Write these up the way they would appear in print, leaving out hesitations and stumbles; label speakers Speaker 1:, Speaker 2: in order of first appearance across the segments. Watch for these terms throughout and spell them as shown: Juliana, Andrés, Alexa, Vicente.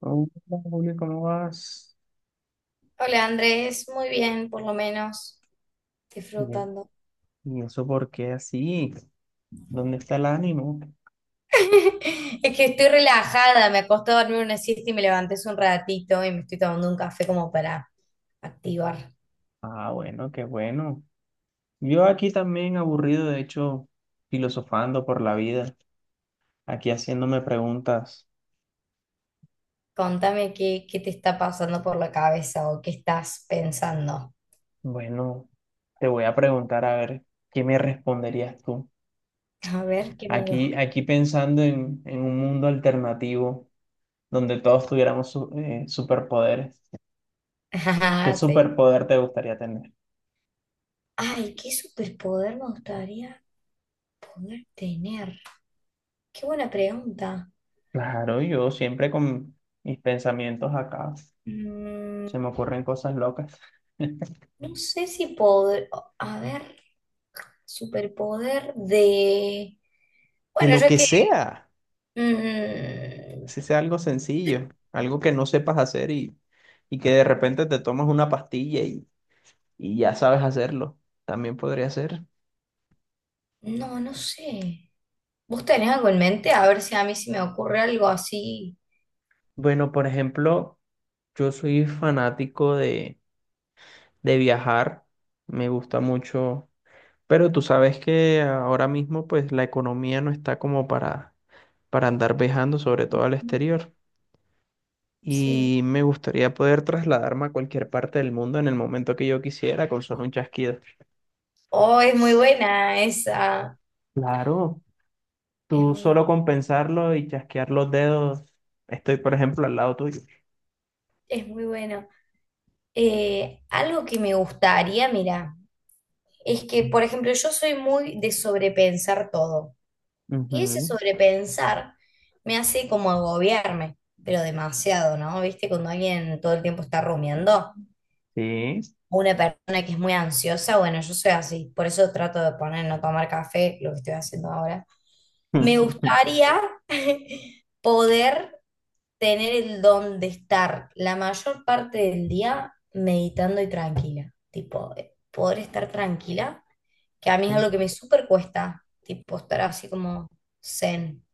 Speaker 1: Oh, hola, Julio, ¿cómo vas?
Speaker 2: Hola Andrés, muy bien, por lo menos
Speaker 1: Bien.
Speaker 2: disfrutando.
Speaker 1: ¿Y eso por qué así? ¿Dónde está el ánimo?
Speaker 2: Es que estoy relajada, me acosté a dormir una siesta y me levanté hace un ratito y me estoy tomando un café como para activar.
Speaker 1: Ah, bueno, qué bueno. Yo aquí también aburrido, de hecho, filosofando por la vida, aquí haciéndome preguntas.
Speaker 2: Contame qué te está pasando por la cabeza o qué estás pensando.
Speaker 1: Bueno, te voy a preguntar a ver qué me responderías tú.
Speaker 2: A ver, qué
Speaker 1: Aquí,
Speaker 2: miedo.
Speaker 1: aquí pensando en un mundo alternativo donde todos tuviéramos superpoderes. ¿Qué
Speaker 2: Ajá, sí.
Speaker 1: superpoder te gustaría tener?
Speaker 2: Ay, ¿qué superpoder me gustaría poder tener? Qué buena pregunta.
Speaker 1: Claro, yo siempre con mis pensamientos acá.
Speaker 2: Mm,
Speaker 1: Se me ocurren cosas locas.
Speaker 2: no sé si poder, a ver, superpoder de,
Speaker 1: De
Speaker 2: bueno,
Speaker 1: lo
Speaker 2: ya
Speaker 1: que
Speaker 2: que,
Speaker 1: sea,
Speaker 2: mm,
Speaker 1: si sea algo sencillo, algo que no sepas hacer y que de repente te tomas una pastilla y ya sabes hacerlo, también podría ser.
Speaker 2: no, no sé. ¿Vos tenés algo en mente? A ver si a mí se me ocurre algo así.
Speaker 1: Bueno, por ejemplo, yo soy fanático de viajar, me gusta mucho, pero tú sabes que ahora mismo pues la economía no está como para andar viajando, sobre todo al exterior.
Speaker 2: Sí.
Speaker 1: Y me gustaría poder trasladarme a cualquier parte del mundo en el momento que yo quisiera con solo un chasquido.
Speaker 2: Oh, es muy buena esa.
Speaker 1: Claro,
Speaker 2: Es
Speaker 1: tú
Speaker 2: muy,
Speaker 1: solo con pensarlo y chasquear los dedos, estoy, por ejemplo, al lado tuyo.
Speaker 2: es muy buena. Algo que me gustaría, mira, es que, por ejemplo, yo soy muy de sobrepensar todo. Y ese
Speaker 1: Ujú,
Speaker 2: sobrepensar me hace como agobiarme, pero demasiado, ¿no? ¿Viste? Cuando alguien todo el tiempo está rumiando,
Speaker 1: sí.
Speaker 2: o una persona que es muy ansiosa, bueno, yo soy así, por eso trato de poner no tomar café, lo que estoy haciendo ahora. Me gustaría poder tener el don de estar la mayor parte del día meditando y tranquila, tipo, poder estar tranquila, que a mí es algo que me súper cuesta, tipo, estar así como zen.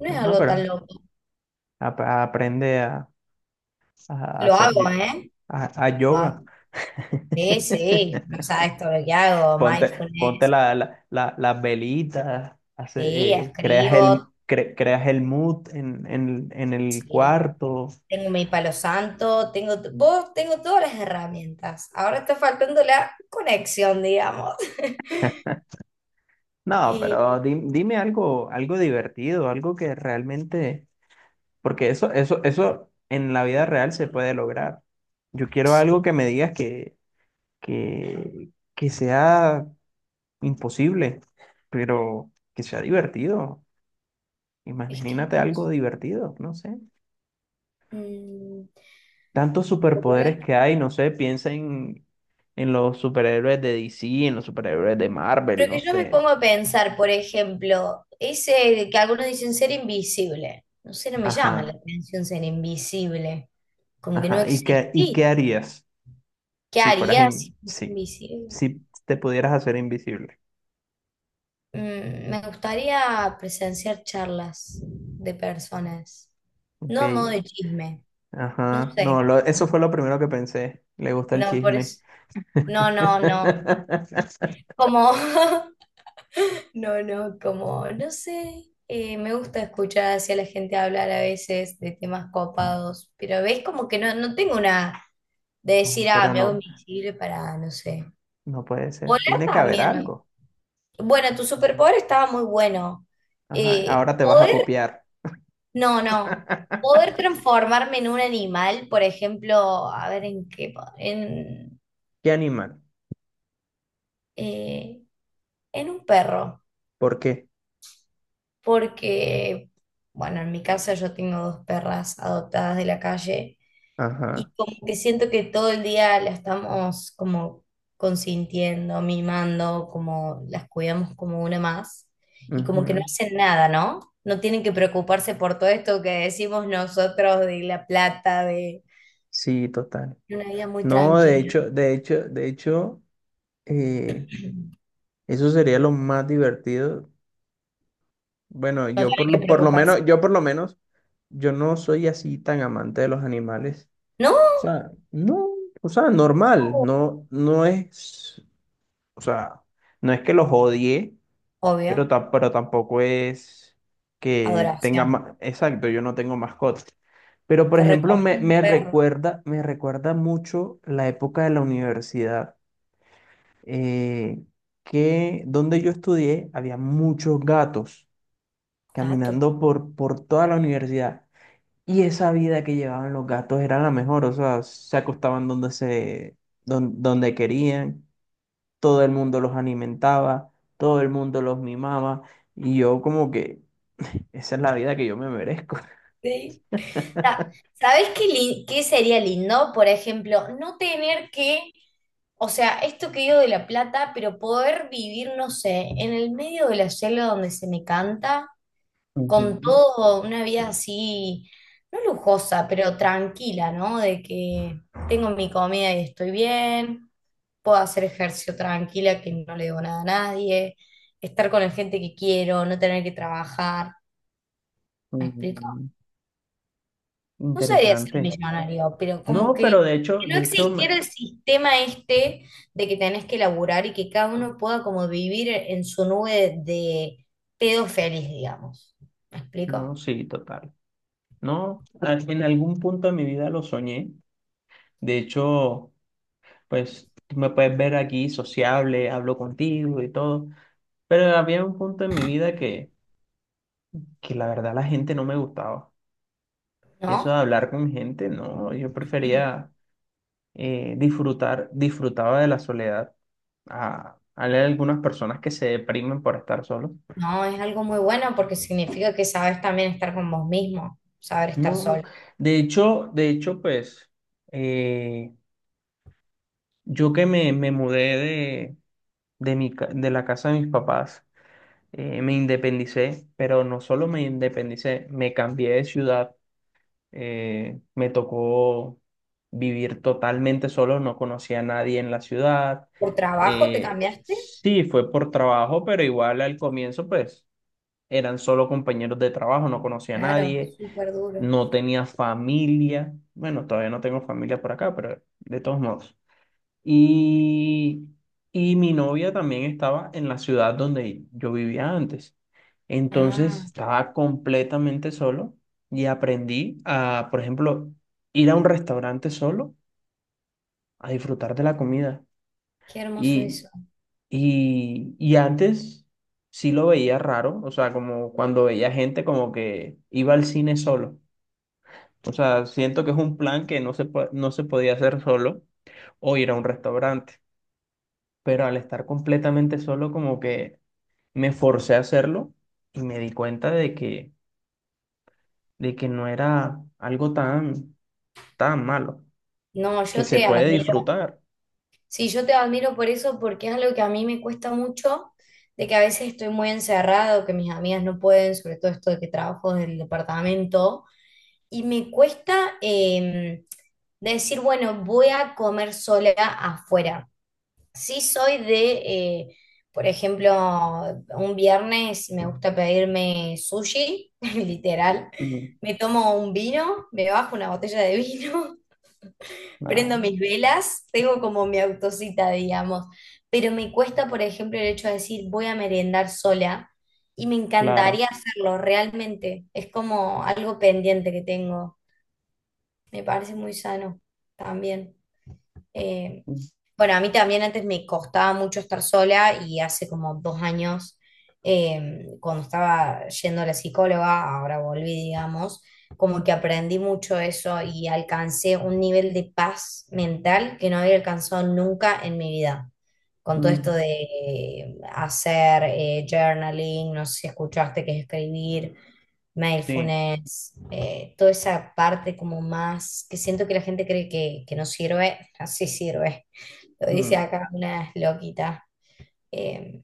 Speaker 2: No es
Speaker 1: Bueno,
Speaker 2: algo tan
Speaker 1: pero
Speaker 2: loco.
Speaker 1: aprende a
Speaker 2: Lo
Speaker 1: hacer
Speaker 2: hago, ¿eh?
Speaker 1: a
Speaker 2: Lo hago.
Speaker 1: yoga.
Speaker 2: Sí, sí, no sabes todo lo que hago,
Speaker 1: Ponte
Speaker 2: mindfulness,
Speaker 1: las velitas,
Speaker 2: sí,
Speaker 1: hace, creas
Speaker 2: escribo,
Speaker 1: creas el mood en el
Speaker 2: sí,
Speaker 1: cuarto.
Speaker 2: tengo mi palo santo, tengo, vos tengo todas las herramientas. Ahora está faltando la conexión, digamos.
Speaker 1: No, pero
Speaker 2: Eh,
Speaker 1: dime algo, algo divertido, algo que realmente, porque eso en la vida real se puede lograr. Yo quiero algo
Speaker 2: sí,
Speaker 1: que me que sea imposible, pero que sea divertido.
Speaker 2: es que
Speaker 1: Imagínate
Speaker 2: no
Speaker 1: algo
Speaker 2: sé,
Speaker 1: divertido, no sé.
Speaker 2: mm,
Speaker 1: Tantos
Speaker 2: poder-
Speaker 1: superpoderes que hay, no sé, piensa en los superhéroes de DC, en los superhéroes de Marvel,
Speaker 2: pero
Speaker 1: no
Speaker 2: que yo me
Speaker 1: sé.
Speaker 2: pongo a pensar, por ejemplo, ese que algunos dicen ser invisible. No sé, no me llama la
Speaker 1: Ajá,
Speaker 2: atención ser invisible. Como que no
Speaker 1: ajá. ¿Y y qué
Speaker 2: existís.
Speaker 1: harías
Speaker 2: ¿Qué
Speaker 1: si fueras
Speaker 2: haría si
Speaker 1: in-
Speaker 2: fuese
Speaker 1: sí,
Speaker 2: invisible?
Speaker 1: si te pudieras hacer invisible?
Speaker 2: Mm, me gustaría presenciar charlas de personas,
Speaker 1: Ok,
Speaker 2: no a modo de chisme, no
Speaker 1: ajá. No,
Speaker 2: sé.
Speaker 1: eso fue lo primero que pensé. Le gusta el
Speaker 2: No, por
Speaker 1: chisme.
Speaker 2: eso. No, no, no. Como, no, no, como, no sé. Me gusta escuchar hacia la gente hablar a veces de temas copados, pero ves como que no tengo una de
Speaker 1: No,
Speaker 2: decir, ah,
Speaker 1: pero
Speaker 2: me hago
Speaker 1: no,
Speaker 2: invisible para, no sé.
Speaker 1: no puede ser.
Speaker 2: Volar
Speaker 1: Tiene que haber
Speaker 2: también me,
Speaker 1: algo.
Speaker 2: bueno, tu superpoder estaba muy bueno.
Speaker 1: Ajá. Ahora te vas a
Speaker 2: Poder,
Speaker 1: copiar.
Speaker 2: no, no. Poder transformarme en un animal, por ejemplo, a ver en qué,
Speaker 1: ¿Qué animal?
Speaker 2: eh, en un perro.
Speaker 1: ¿Por qué?
Speaker 2: Porque, bueno, en mi casa yo tengo dos perras adoptadas de la calle. Y
Speaker 1: Ajá.
Speaker 2: como que siento que todo el día la estamos como consintiendo, mimando, como las cuidamos como una más. Y como que no
Speaker 1: Ujú.
Speaker 2: hacen nada, ¿no? No tienen que preocuparse por todo esto que decimos nosotros de la plata, de
Speaker 1: Sí, total.
Speaker 2: una vida muy
Speaker 1: No, de
Speaker 2: tranquila.
Speaker 1: hecho, de hecho, de hecho, eh, eso sería lo más divertido. Bueno,
Speaker 2: No
Speaker 1: yo
Speaker 2: tienen que
Speaker 1: por lo
Speaker 2: preocuparse.
Speaker 1: menos, yo por lo menos, yo no soy así tan amante de los animales. O
Speaker 2: No,
Speaker 1: sea, no, o sea, normal, no, no es, o sea, no es que los odie,
Speaker 2: obvio.
Speaker 1: pero, pero tampoco es que tenga
Speaker 2: Adoración.
Speaker 1: más, exacto, yo no tengo mascotas. Pero, por
Speaker 2: Te
Speaker 1: ejemplo,
Speaker 2: recomiendo un perro,
Speaker 1: me recuerda mucho la época de la universidad eh, que donde yo estudié había muchos gatos
Speaker 2: gato.
Speaker 1: caminando por toda la universidad. Y esa vida que llevaban los gatos era la mejor, o sea, se acostaban donde querían, todo el mundo los alimentaba, todo el mundo los mimaba, y yo como que esa es la vida que yo me merezco.
Speaker 2: Sí. Sa- ¿Sabés qué, qué sería lindo? Por ejemplo, no tener que, o sea, esto que digo de La Plata, pero poder vivir, no sé, en el medio de la selva donde se me canta, con
Speaker 1: Ujú,
Speaker 2: todo, una vida así, no lujosa, pero tranquila, ¿no? De que tengo mi comida y estoy bien, puedo hacer ejercicio tranquila, que no le debo nada a nadie, estar con la gente que quiero, no tener que trabajar, ¿me explico?
Speaker 1: ujú,
Speaker 2: No sería ser
Speaker 1: interesante.
Speaker 2: millonario, pero como
Speaker 1: No, pero
Speaker 2: que no
Speaker 1: de hecho,
Speaker 2: existiera el sistema este de que tenés que laburar y que cada uno pueda como vivir en su nube de pedo feliz, digamos. ¿Me
Speaker 1: no,
Speaker 2: explico?
Speaker 1: sí, total. No, en algún punto de mi vida lo soñé. De hecho, pues tú me puedes ver aquí sociable, hablo contigo y todo. Pero había un punto en mi que la verdad la gente no me gustaba. Eso de
Speaker 2: ¿No?
Speaker 1: hablar con gente, no, yo prefería disfrutaba de la soledad. A leer algunas personas que se deprimen por estar solos.
Speaker 2: No, es algo muy bueno porque significa que sabes también estar con vos mismo, saber estar
Speaker 1: No,
Speaker 2: solo.
Speaker 1: de hecho, pues eh, yo que me mudé de de la casa de mis papás. Me independicé, pero no solo me independicé, me cambié de ciudad. Me tocó vivir totalmente solo, no conocía a nadie en la ciudad.
Speaker 2: ¿Por trabajo te cambiaste?
Speaker 1: Sí, fue por trabajo, pero igual al comienzo, pues eran solo compañeros de trabajo, no conocía a
Speaker 2: Claro,
Speaker 1: nadie,
Speaker 2: súper duro.
Speaker 1: no tenía familia. Bueno, todavía no tengo familia por acá, pero de todos modos. Y, y mi novia también estaba en la ciudad donde yo vivía antes. Entonces
Speaker 2: Ah,
Speaker 1: estaba completamente solo y aprendí a, por ejemplo, ir a un restaurante solo a disfrutar de la comida.
Speaker 2: qué hermoso
Speaker 1: Y,
Speaker 2: eso.
Speaker 1: y antes sí lo veía raro, o sea, como cuando veía gente como que iba al cine solo. O sea, siento que es un plan que no se podía hacer solo o ir a un restaurante. Pero al estar completamente solo como que me forcé a hacerlo y me di cuenta de que no era algo tan malo,
Speaker 2: No,
Speaker 1: que
Speaker 2: yo
Speaker 1: se
Speaker 2: te
Speaker 1: puede
Speaker 2: admiro.
Speaker 1: disfrutar.
Speaker 2: Sí, yo te admiro por eso, porque es algo que a mí me cuesta mucho, de que a veces estoy muy encerrado, que mis amigas no pueden, sobre todo esto de que trabajo del departamento, y me cuesta decir, bueno, voy a comer sola afuera. Sí soy de, eh, por ejemplo, un viernes me gusta pedirme sushi, literal.
Speaker 1: Mm,
Speaker 2: Me tomo un vino, me bajo una botella de vino, prendo
Speaker 1: ah,
Speaker 2: mis velas, tengo como mi autocita, digamos, pero me cuesta, por ejemplo, el hecho de decir voy a merendar sola y me
Speaker 1: claro.
Speaker 2: encantaría hacerlo realmente. Es como algo pendiente que tengo. Me parece muy sano también. Eh,
Speaker 1: Mm,
Speaker 2: bueno, a mí también antes me costaba mucho estar sola y hace como 2 años, cuando estaba yendo a la psicóloga, ahora volví, digamos, como que aprendí mucho eso y alcancé un nivel de paz mental que no había alcanzado nunca en mi vida. Con todo esto
Speaker 1: mm,
Speaker 2: de hacer journaling, no sé si escuchaste que es escribir,
Speaker 1: sí.
Speaker 2: mindfulness, toda esa parte como más que siento que la gente cree que no sirve, así sirve. Lo dice
Speaker 1: Mm,
Speaker 2: acá una loquita, eh,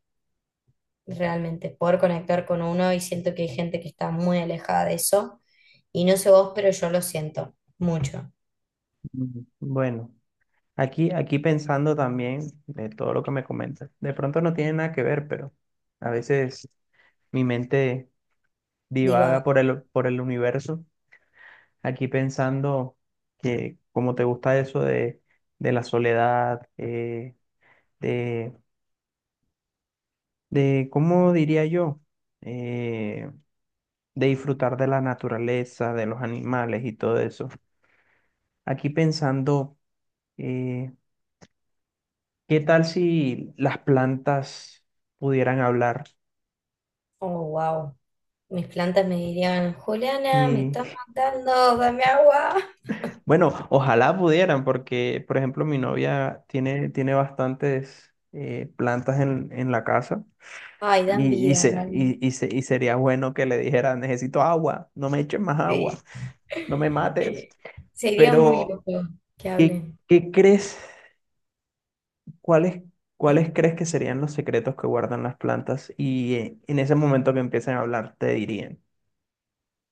Speaker 2: realmente poder conectar con uno y siento que hay gente que está muy alejada de eso y no sé vos, pero yo lo siento mucho.
Speaker 1: mm. Bueno, aquí pensando también de todo lo que me comentas, de pronto no tiene nada que ver, pero a veces mi mente
Speaker 2: Digo, ah,
Speaker 1: divaga por por el universo, aquí pensando que como te gusta eso de la soledad, de, de, ¿cómo diría yo? Eh, de disfrutar de la naturaleza, de los animales y todo eso. Aquí pensando, eh, ¿qué tal si las plantas pudieran hablar?
Speaker 2: oh, wow. Mis plantas me dirían, Juliana, me estás
Speaker 1: Y
Speaker 2: matando, dame agua.
Speaker 1: bueno, ojalá pudieran, porque por ejemplo mi novia tiene bastantes plantas en la casa.
Speaker 2: Ay, dan vida realmente.
Speaker 1: Y sería bueno que le dijera, necesito agua, no me eches más agua,
Speaker 2: Sí.
Speaker 1: no me mates.
Speaker 2: Eh, sería muy
Speaker 1: Pero,
Speaker 2: loco que
Speaker 1: ¿qué,
Speaker 2: hablen.
Speaker 1: qué crees? ¿Cuáles, cuáles crees que serían los secretos que guardan las plantas? Y en ese momento que empiecen a hablar, te dirían,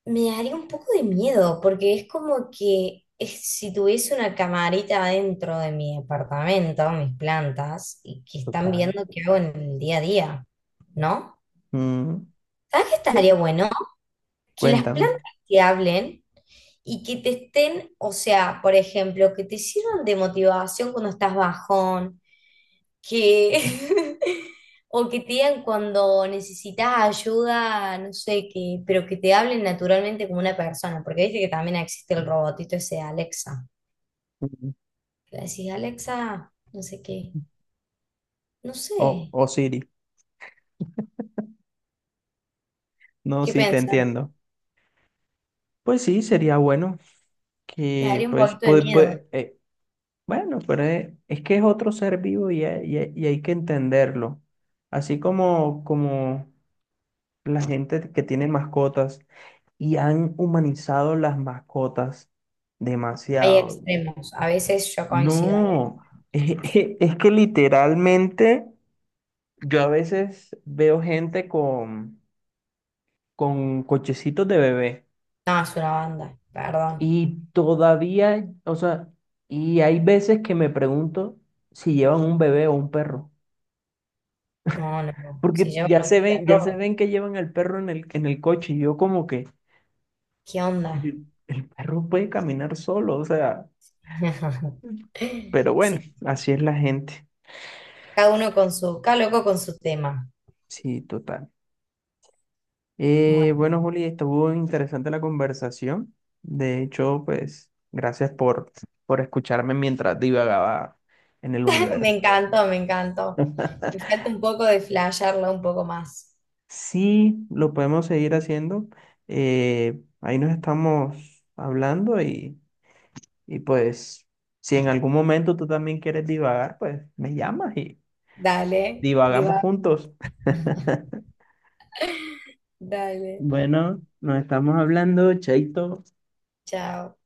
Speaker 2: Me daría un poco de miedo, porque es como que si tuviese una camarita dentro de mi departamento, mis plantas, y que están
Speaker 1: total.
Speaker 2: viendo qué hago en el día a día, ¿no?
Speaker 1: Mm,
Speaker 2: ¿Sabes qué
Speaker 1: ¿qué?
Speaker 2: estaría bueno? Que las
Speaker 1: Cuéntame.
Speaker 2: plantas te hablen y que te estén, o sea, por ejemplo, que te sirvan de motivación cuando estás bajón, que o que te digan cuando necesitas ayuda, no sé qué, pero que te hablen naturalmente como una persona, porque viste que también existe el robotito ese de Alexa.
Speaker 1: Mm.
Speaker 2: Le decís, Alexa, no sé qué, no sé,
Speaker 1: O Siri. No,
Speaker 2: ¿qué
Speaker 1: sí, te
Speaker 2: pensás?
Speaker 1: entiendo. Pues sí, sería bueno
Speaker 2: Me
Speaker 1: que,
Speaker 2: daría un
Speaker 1: pues,
Speaker 2: poquito de miedo.
Speaker 1: bueno, pero es que es otro ser vivo hay que entenderlo. Así como, como la gente que tiene mascotas y han humanizado las mascotas
Speaker 2: Hay
Speaker 1: demasiado.
Speaker 2: extremos, a veces yo coincido, hay
Speaker 1: No,
Speaker 2: extremos.
Speaker 1: es, es que literalmente yo a veces veo gente con cochecitos de bebé
Speaker 2: No, es una banda, perdón.
Speaker 1: y todavía, o sea, y hay veces que me pregunto si llevan un bebé o un perro.
Speaker 2: No, no, no. Si
Speaker 1: Porque
Speaker 2: llevan un
Speaker 1: ya se
Speaker 2: perro,
Speaker 1: ven que llevan al perro en en el coche y yo como que
Speaker 2: ¿qué onda?
Speaker 1: el perro puede caminar solo, o sea, pero bueno,
Speaker 2: Sí,
Speaker 1: así es la gente.
Speaker 2: cada uno con su, cada loco con su tema.
Speaker 1: Sí, total.
Speaker 2: Bueno,
Speaker 1: Bueno, Juli, estuvo interesante la conversación. De hecho, pues, gracias por escucharme mientras divagaba en el
Speaker 2: me
Speaker 1: universo.
Speaker 2: encantó, me encantó. Me falta un poco de flashearla un poco más.
Speaker 1: Sí, lo podemos seguir haciendo. Ahí nos estamos hablando y pues, si en algún momento tú también quieres divagar, pues me llamas y
Speaker 2: Dale,
Speaker 1: divagamos
Speaker 2: diva.
Speaker 1: juntos.
Speaker 2: Dale,
Speaker 1: Bueno, nos estamos hablando, Chaito.
Speaker 2: chao.